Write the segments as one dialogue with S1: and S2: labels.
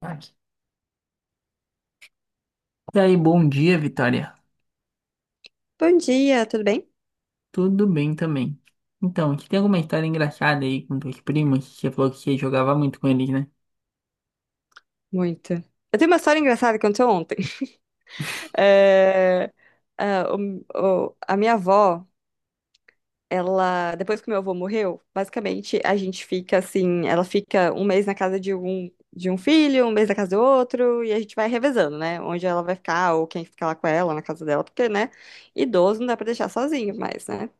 S1: Aqui. E aí, bom dia, Vitória.
S2: Bom dia, tudo bem?
S1: Tudo bem também. Então, você tem alguma história engraçada aí com teus primos? Você falou que você jogava muito com eles, né?
S2: Muito. Eu tenho uma história engraçada que aconteceu ontem. É, ah, o- a minha avó, ela, depois que meu avô morreu, basicamente a gente fica assim, ela fica um mês na casa de um filho, um mês na casa do outro, e a gente vai revezando, né? Onde ela vai ficar, ou quem fica lá com ela, na casa dela, porque, né? Idoso não dá pra deixar sozinho mais, né?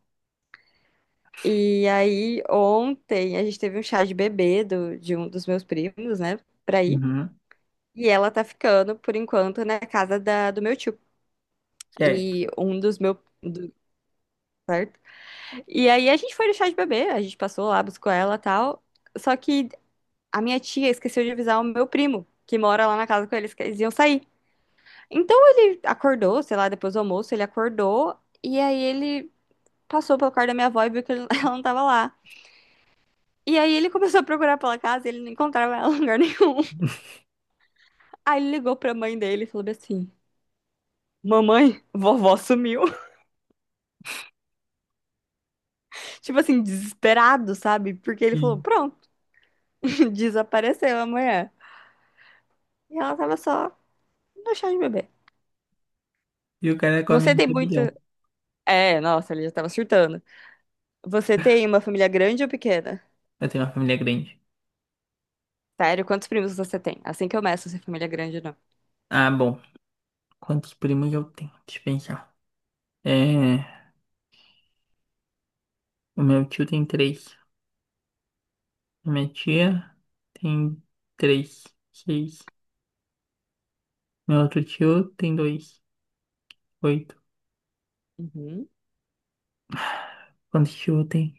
S2: E aí, ontem, a gente teve um chá de bebê do, de um dos meus primos, né? Pra ir.
S1: Uhum.
S2: E ela tá ficando, por enquanto, na casa da, do meu tio.
S1: Certo.
S2: E um dos meus. Do- certo? E aí a gente foi no chá de bebê, a gente passou lá, buscou ela e tal. Só que a minha tia esqueceu de avisar o meu primo, que mora lá na casa com eles, que eles iam sair. Então ele acordou, sei lá, depois do almoço, ele acordou. E aí ele passou pelo quarto da minha avó e viu que ele- ela não tava lá. E aí ele começou a procurar pela casa, e ele não encontrava ela em lugar nenhum. Aí ele ligou pra mãe dele e falou bem assim: mamãe, vovó sumiu. Tipo assim, desesperado, sabe? Porque ele
S1: E,
S2: falou, pronto, desapareceu amanhã. E ela tava só no chá de bebê.
S1: e o cara é com a
S2: Você tem
S1: mente é
S2: muito.
S1: bilhão.
S2: É, nossa, ele já tava surtando. Você tem uma família grande ou pequena?
S1: Eu tenho uma família grande.
S2: Sério, quantos primos você tem? Assim que eu meço se é família grande ou não.
S1: Ah, bom. Quantos primos eu tenho? Deixa eu pensar. É, o meu tio tem três. A minha tia tem três. Seis. Meu outro tio tem dois. Oito.
S2: Uhum.
S1: Quantos tio eu tenho?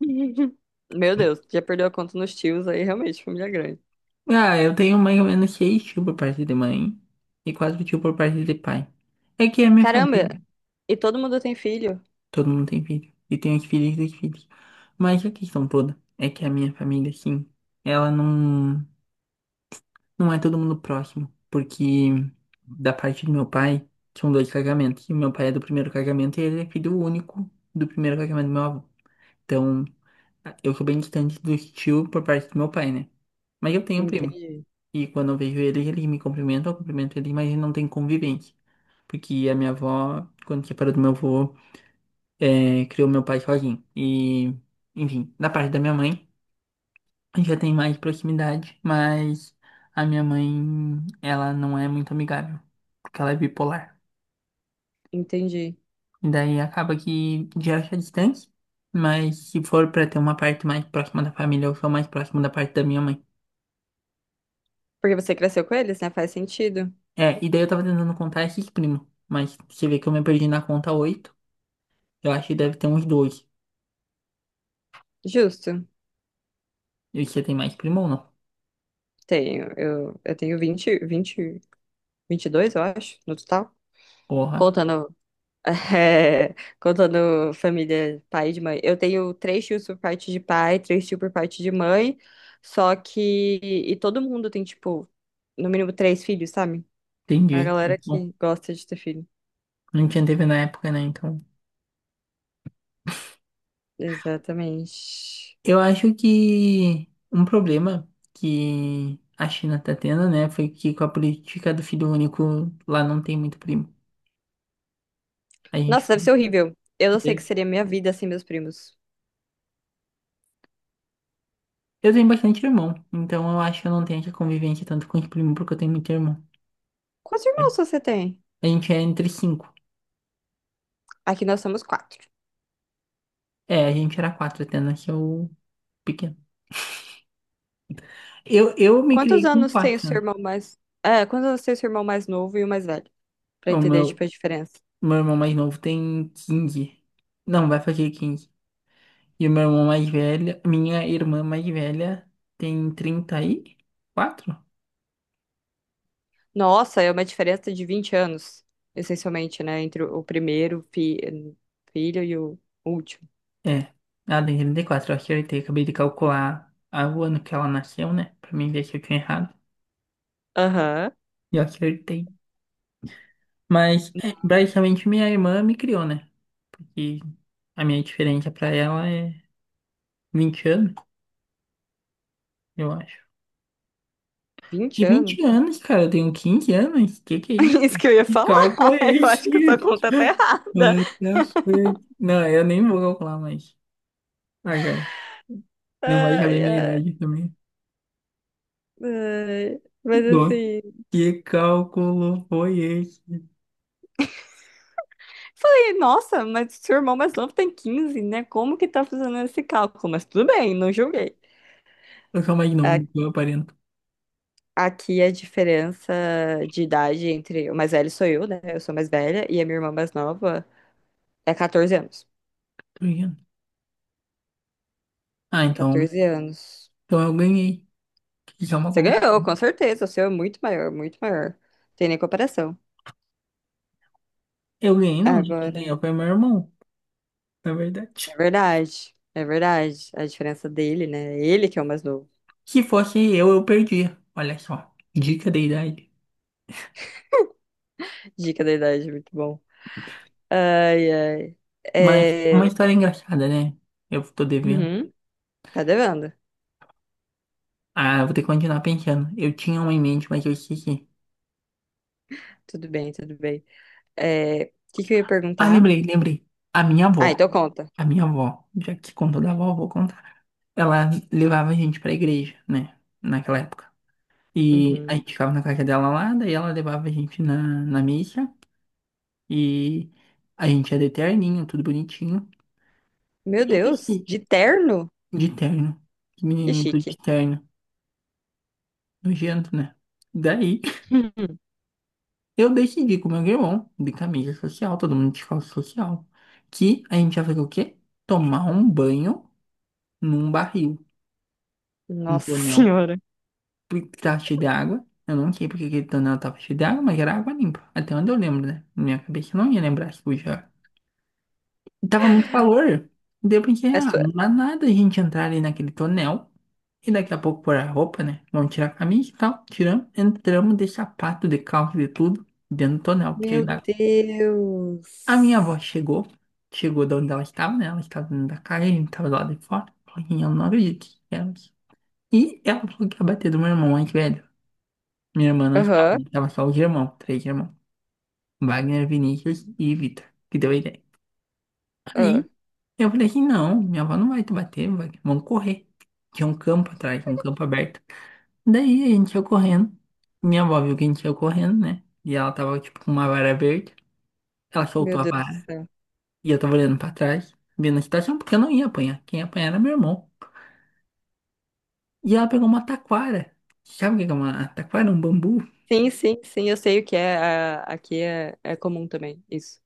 S2: Meu Deus, já perdeu a conta nos tios aí, realmente, família grande.
S1: Ah, eu tenho mais ou menos seis tios por parte de mãe e quatro tios por parte de pai. É que é a minha família.
S2: Caramba, e todo mundo tem filho?
S1: Todo mundo tem filho. E tem os filhos dos filhos. Mas a questão toda é que a minha família, sim, ela não é todo mundo próximo. Porque da parte do meu pai, são dois casamentos. E meu pai é do primeiro casamento e ele é filho único do primeiro casamento do meu avô. Então, eu sou bem distante dos tios por parte do meu pai, né? Mas eu tenho um primo.
S2: Entendi,
S1: E quando eu vejo eles, eles me cumprimentam, eu cumprimento eles, mas não tem convivência. Porque a minha avó, quando separou do meu avô, criou meu pai sozinho. E, enfim, da parte da minha mãe, já tem mais proximidade, mas a minha mãe, ela não é muito amigável, porque ela é bipolar.
S2: entendi.
S1: E daí acaba que gera essa distância, mas se for pra ter uma parte mais próxima da família, eu sou mais próximo da parte da minha mãe.
S2: Porque você cresceu com eles, né? Faz sentido.
S1: E daí eu tava tentando contar esses primos, mas você vê que eu me perdi na conta oito. Eu acho que deve ter uns dois.
S2: Justo.
S1: E você tem mais primo ou não?
S2: Tenho, eu tenho 20 20 22, eu acho, no total.
S1: Porra,
S2: Contando, é, contando família pai e de mãe. Eu tenho três tios por parte de pai, três tios por parte de mãe. Só que. E todo mundo tem, tipo, no mínimo três filhos, sabe? A
S1: entendi.
S2: galera
S1: Bom,
S2: que gosta de ter filho.
S1: não tinha TV na época, né? Então.
S2: Exatamente.
S1: Eu acho que um problema que a China tá tendo, né, foi que com a política do filho único lá não tem muito primo. A
S2: Nossa,
S1: gente.
S2: deve ser horrível. Eu não sei o que seria minha vida sem meus primos.
S1: Eu tenho bastante irmão, então eu acho que eu não tenho essa convivência tanto com os primos porque eu tenho muito irmão.
S2: Quantos irmãos você tem?
S1: A gente é entre cinco.
S2: Aqui nós somos quatro.
S1: É, a gente era quatro até nasceu pequeno. Eu me
S2: Quantos
S1: criei com
S2: anos tem o
S1: quatro,
S2: seu
S1: né?
S2: irmão mais. É, quantos anos tem o seu irmão mais novo e o mais velho? Pra
S1: O
S2: entender,
S1: meu,
S2: tipo, a diferença.
S1: Meu irmão mais novo tem 15. Não, vai fazer 15. E o meu irmão mais velho, minha irmã mais velha tem 34.
S2: Nossa, é uma diferença de 20 anos, essencialmente, né? Entre o filho e o último.
S1: É. Ela tem 34, eu acertei. Acabei de calcular o ano que ela nasceu, né? Pra mim ver se eu tinha errado.
S2: Aham.
S1: E eu acertei. Mas, basicamente, minha irmã me criou, né? E a minha diferença pra ela é 20 anos, eu acho.
S2: vinte
S1: Que 20
S2: anos?
S1: anos, cara? Eu tenho 15 anos? Que é isso?
S2: Isso que eu ia
S1: Que
S2: falar.
S1: cálculo é
S2: Eu
S1: esse?
S2: acho que a sua conta tá errada.
S1: What the fuck? Não, eu nem vou calcular mais. Ah, cara, não vai saber
S2: Ai,
S1: minha
S2: ai,
S1: idade também.
S2: ai. Mas
S1: Bom,
S2: assim.
S1: que cálculo foi esse?
S2: Falei, nossa, mas seu irmão mais novo tem 15, né? Como que tá fazendo esse cálculo? Mas tudo bem, não julguei.
S1: Eu sou mais novo
S2: A-
S1: do que eu aparento.
S2: Aqui a diferença de idade entre o mais velho sou eu, né? Eu sou mais velha, e a minha irmã mais nova é 14 anos.
S1: Tô ligado? Ah, então,
S2: 14 anos.
S1: então eu ganhei. Isso é uma
S2: Você ganhou,
S1: competição.
S2: com certeza. O seu é muito maior, muito maior. Tem nem comparação.
S1: Eu ganhei, não, né? Quem
S2: Agora,
S1: ganhou foi meu irmão, na
S2: é
S1: verdade.
S2: verdade. É verdade. A diferença dele, né? Ele que é o mais novo.
S1: Se fosse eu perdia. Olha só, dica de idade.
S2: Dica da idade, muito bom. Ai, ai.
S1: Mas uma
S2: É...
S1: história engraçada, né? Eu tô devendo.
S2: Uhum, tá devendo.
S1: Ah, vou ter que continuar pensando. Eu tinha uma em mente, mas eu esqueci.
S2: Tudo bem, tudo bem. É... O que que eu ia
S1: Ah,
S2: perguntar?
S1: lembrei, lembrei. A minha
S2: Ah,
S1: avó.
S2: então conta.
S1: A minha avó. Já que contou da avó, eu vou contar. Ela levava a gente pra igreja, né? Naquela época. E a
S2: Uhum.
S1: gente ficava na casa dela lá, daí ela levava a gente na missa. E a gente ia de terninho, tudo bonitinho. E
S2: Meu
S1: eu desci
S2: Deus, de terno?
S1: de terno. Que
S2: Que
S1: menininho tudo
S2: chique.
S1: de terno. Nojento, né? Daí. Eu decidi com o meu irmão de camisa social, todo mundo de calça social, que a gente ia fazer o quê? Tomar um banho num barril, num
S2: Nossa
S1: tonel
S2: Senhora.
S1: que tava cheio de água. Eu não sei porque aquele tonel tava cheio de água, mas era água limpa. Até onde eu lembro, né? Na minha cabeça eu não ia lembrar se podia. E tava muito calor. Daí eu pensei,
S2: É
S1: ah,
S2: sua...
S1: não dá nada a gente entrar ali naquele tonel. E daqui a pouco pôr a roupa, né? Vamos tirar a camisa e tal. Tiramos, entramos de sapato, de calça, de tudo, dentro do tonel, cheio
S2: Meu
S1: d'água. A minha
S2: Deus.
S1: avó chegou, chegou de onde ela estava, né? Ela estava dentro da casa, a gente estava lá de fora. Falou que eu não acredito que éramos. E ela falou que ia bater do meu irmão mais velho. Minha irmã não estava,
S2: Aham.
S1: né? Estava só os irmãos, três irmãos. Wagner, Vinícius e Vitor, que deu a ideia.
S2: Ah,
S1: Aí eu falei assim, não, minha avó não vai te bater, Wagner, vamos correr. Tinha um campo atrás, um campo aberto. Daí a gente ia correndo. Minha avó viu que a gente ia correndo, né? E ela tava tipo com uma vara verde. Ela
S2: meu
S1: soltou a
S2: Deus do
S1: vara.
S2: céu.
S1: E eu tava olhando pra trás, vendo a situação, porque eu não ia apanhar. Quem ia apanhar era meu irmão. E ela pegou uma taquara. Sabe o que que é uma taquara? Um bambu
S2: Sim, sim, sim, eu sei o que é. A- Aqui é, é comum também, isso.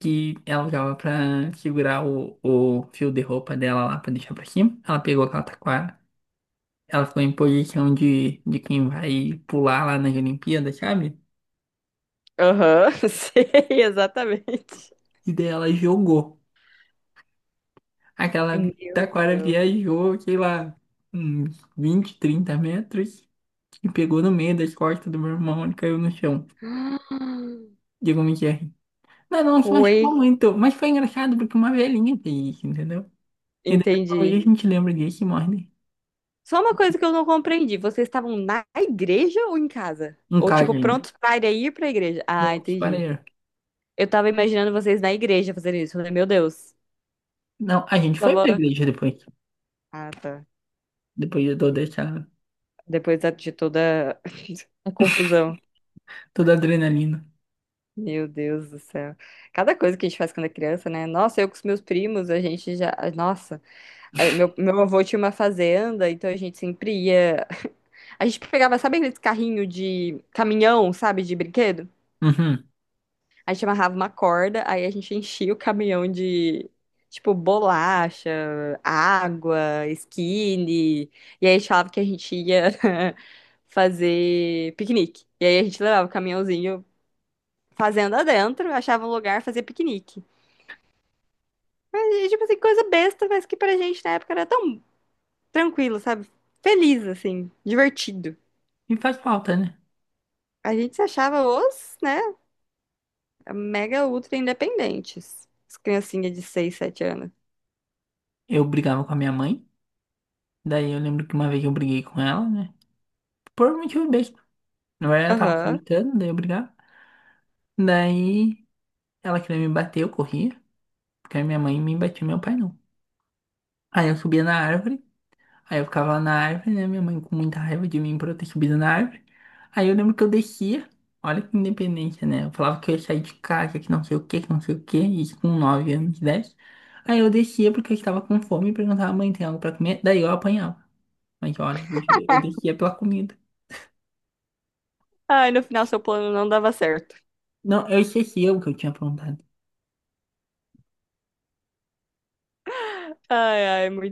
S1: que ela usava pra segurar o fio de roupa dela lá pra deixar pra cima. Ela pegou aquela taquara. Ela ficou em posição de quem vai pular lá nas Olimpíadas, sabe?
S2: Aham, sei, exatamente.
S1: E daí ela jogou. Aquela
S2: Meu
S1: taquara
S2: Deus.
S1: viajou, sei lá, uns 20, 30 metros e pegou no meio das costas do meu irmão e caiu no chão.
S2: Ah,
S1: Digo, me. Não, não, se machucou
S2: Coi,
S1: muito. Mas foi engraçado porque uma velhinha fez isso, entendeu? E daí até hoje a
S2: entendi.
S1: gente lembra disso e morre, né?
S2: Só uma coisa que eu não compreendi. Vocês estavam na igreja ou em casa?
S1: Um
S2: Ou
S1: caso
S2: tipo,
S1: ainda.
S2: prontos para ir pra igreja? Ah,
S1: Prontos para
S2: entendi.
S1: ir.
S2: Eu tava imaginando vocês na igreja fazendo isso. Eu falei, meu Deus,
S1: Não, a gente
S2: só
S1: foi
S2: vou.
S1: pra igreja depois.
S2: Ah, tá.
S1: Depois de toda essa,
S2: Depois da- de toda a confusão.
S1: toda a adrenalina.
S2: Meu Deus do céu. Cada coisa que a gente faz quando é criança, né? Nossa, eu com os meus primos, a gente já. Nossa, meu avô tinha uma fazenda, então a gente sempre ia. A gente pegava, sabe aqueles carrinho de caminhão, sabe, de brinquedo?
S1: Uhum.
S2: A gente amarrava uma corda, aí a gente enchia o caminhão de, tipo, bolacha, água, skinny. E aí a gente falava que a gente ia fazer piquenique. E aí a gente levava o caminhãozinho fazenda dentro, achava um lugar, fazia piquenique. Mas, tipo assim, coisa besta, mas que pra gente na época era tão tranquilo, sabe? Feliz, assim, divertido.
S1: E faz falta, né?
S2: A gente se achava os, né, mega ultra independentes. As criancinhas de 6 7 anos.
S1: Eu brigava com a minha mãe. Daí eu lembro que uma vez eu briguei com ela, né? Por um motivo besta. Não era, ela tava
S2: Aham.
S1: gritando, daí eu brigava. Daí ela queria me bater, eu corria. Porque a minha mãe me batia, meu pai não. Aí eu subia na árvore. Aí eu ficava lá na árvore, né? Minha mãe com muita raiva de mim por eu ter subido na árvore. Aí eu lembro que eu descia, olha que independência, né? Eu falava que eu ia sair de casa, que não sei o que, que não sei o que, isso com 9 anos, 10. Aí eu descia porque eu estava com fome e perguntava, mãe, tem algo pra comer? Daí eu apanhava. Mas olha, bicho, eu descia pela comida.
S2: Ai, no final seu plano não dava certo.
S1: Não, eu esquecia o que eu tinha perguntado.
S2: Ai, ai, muito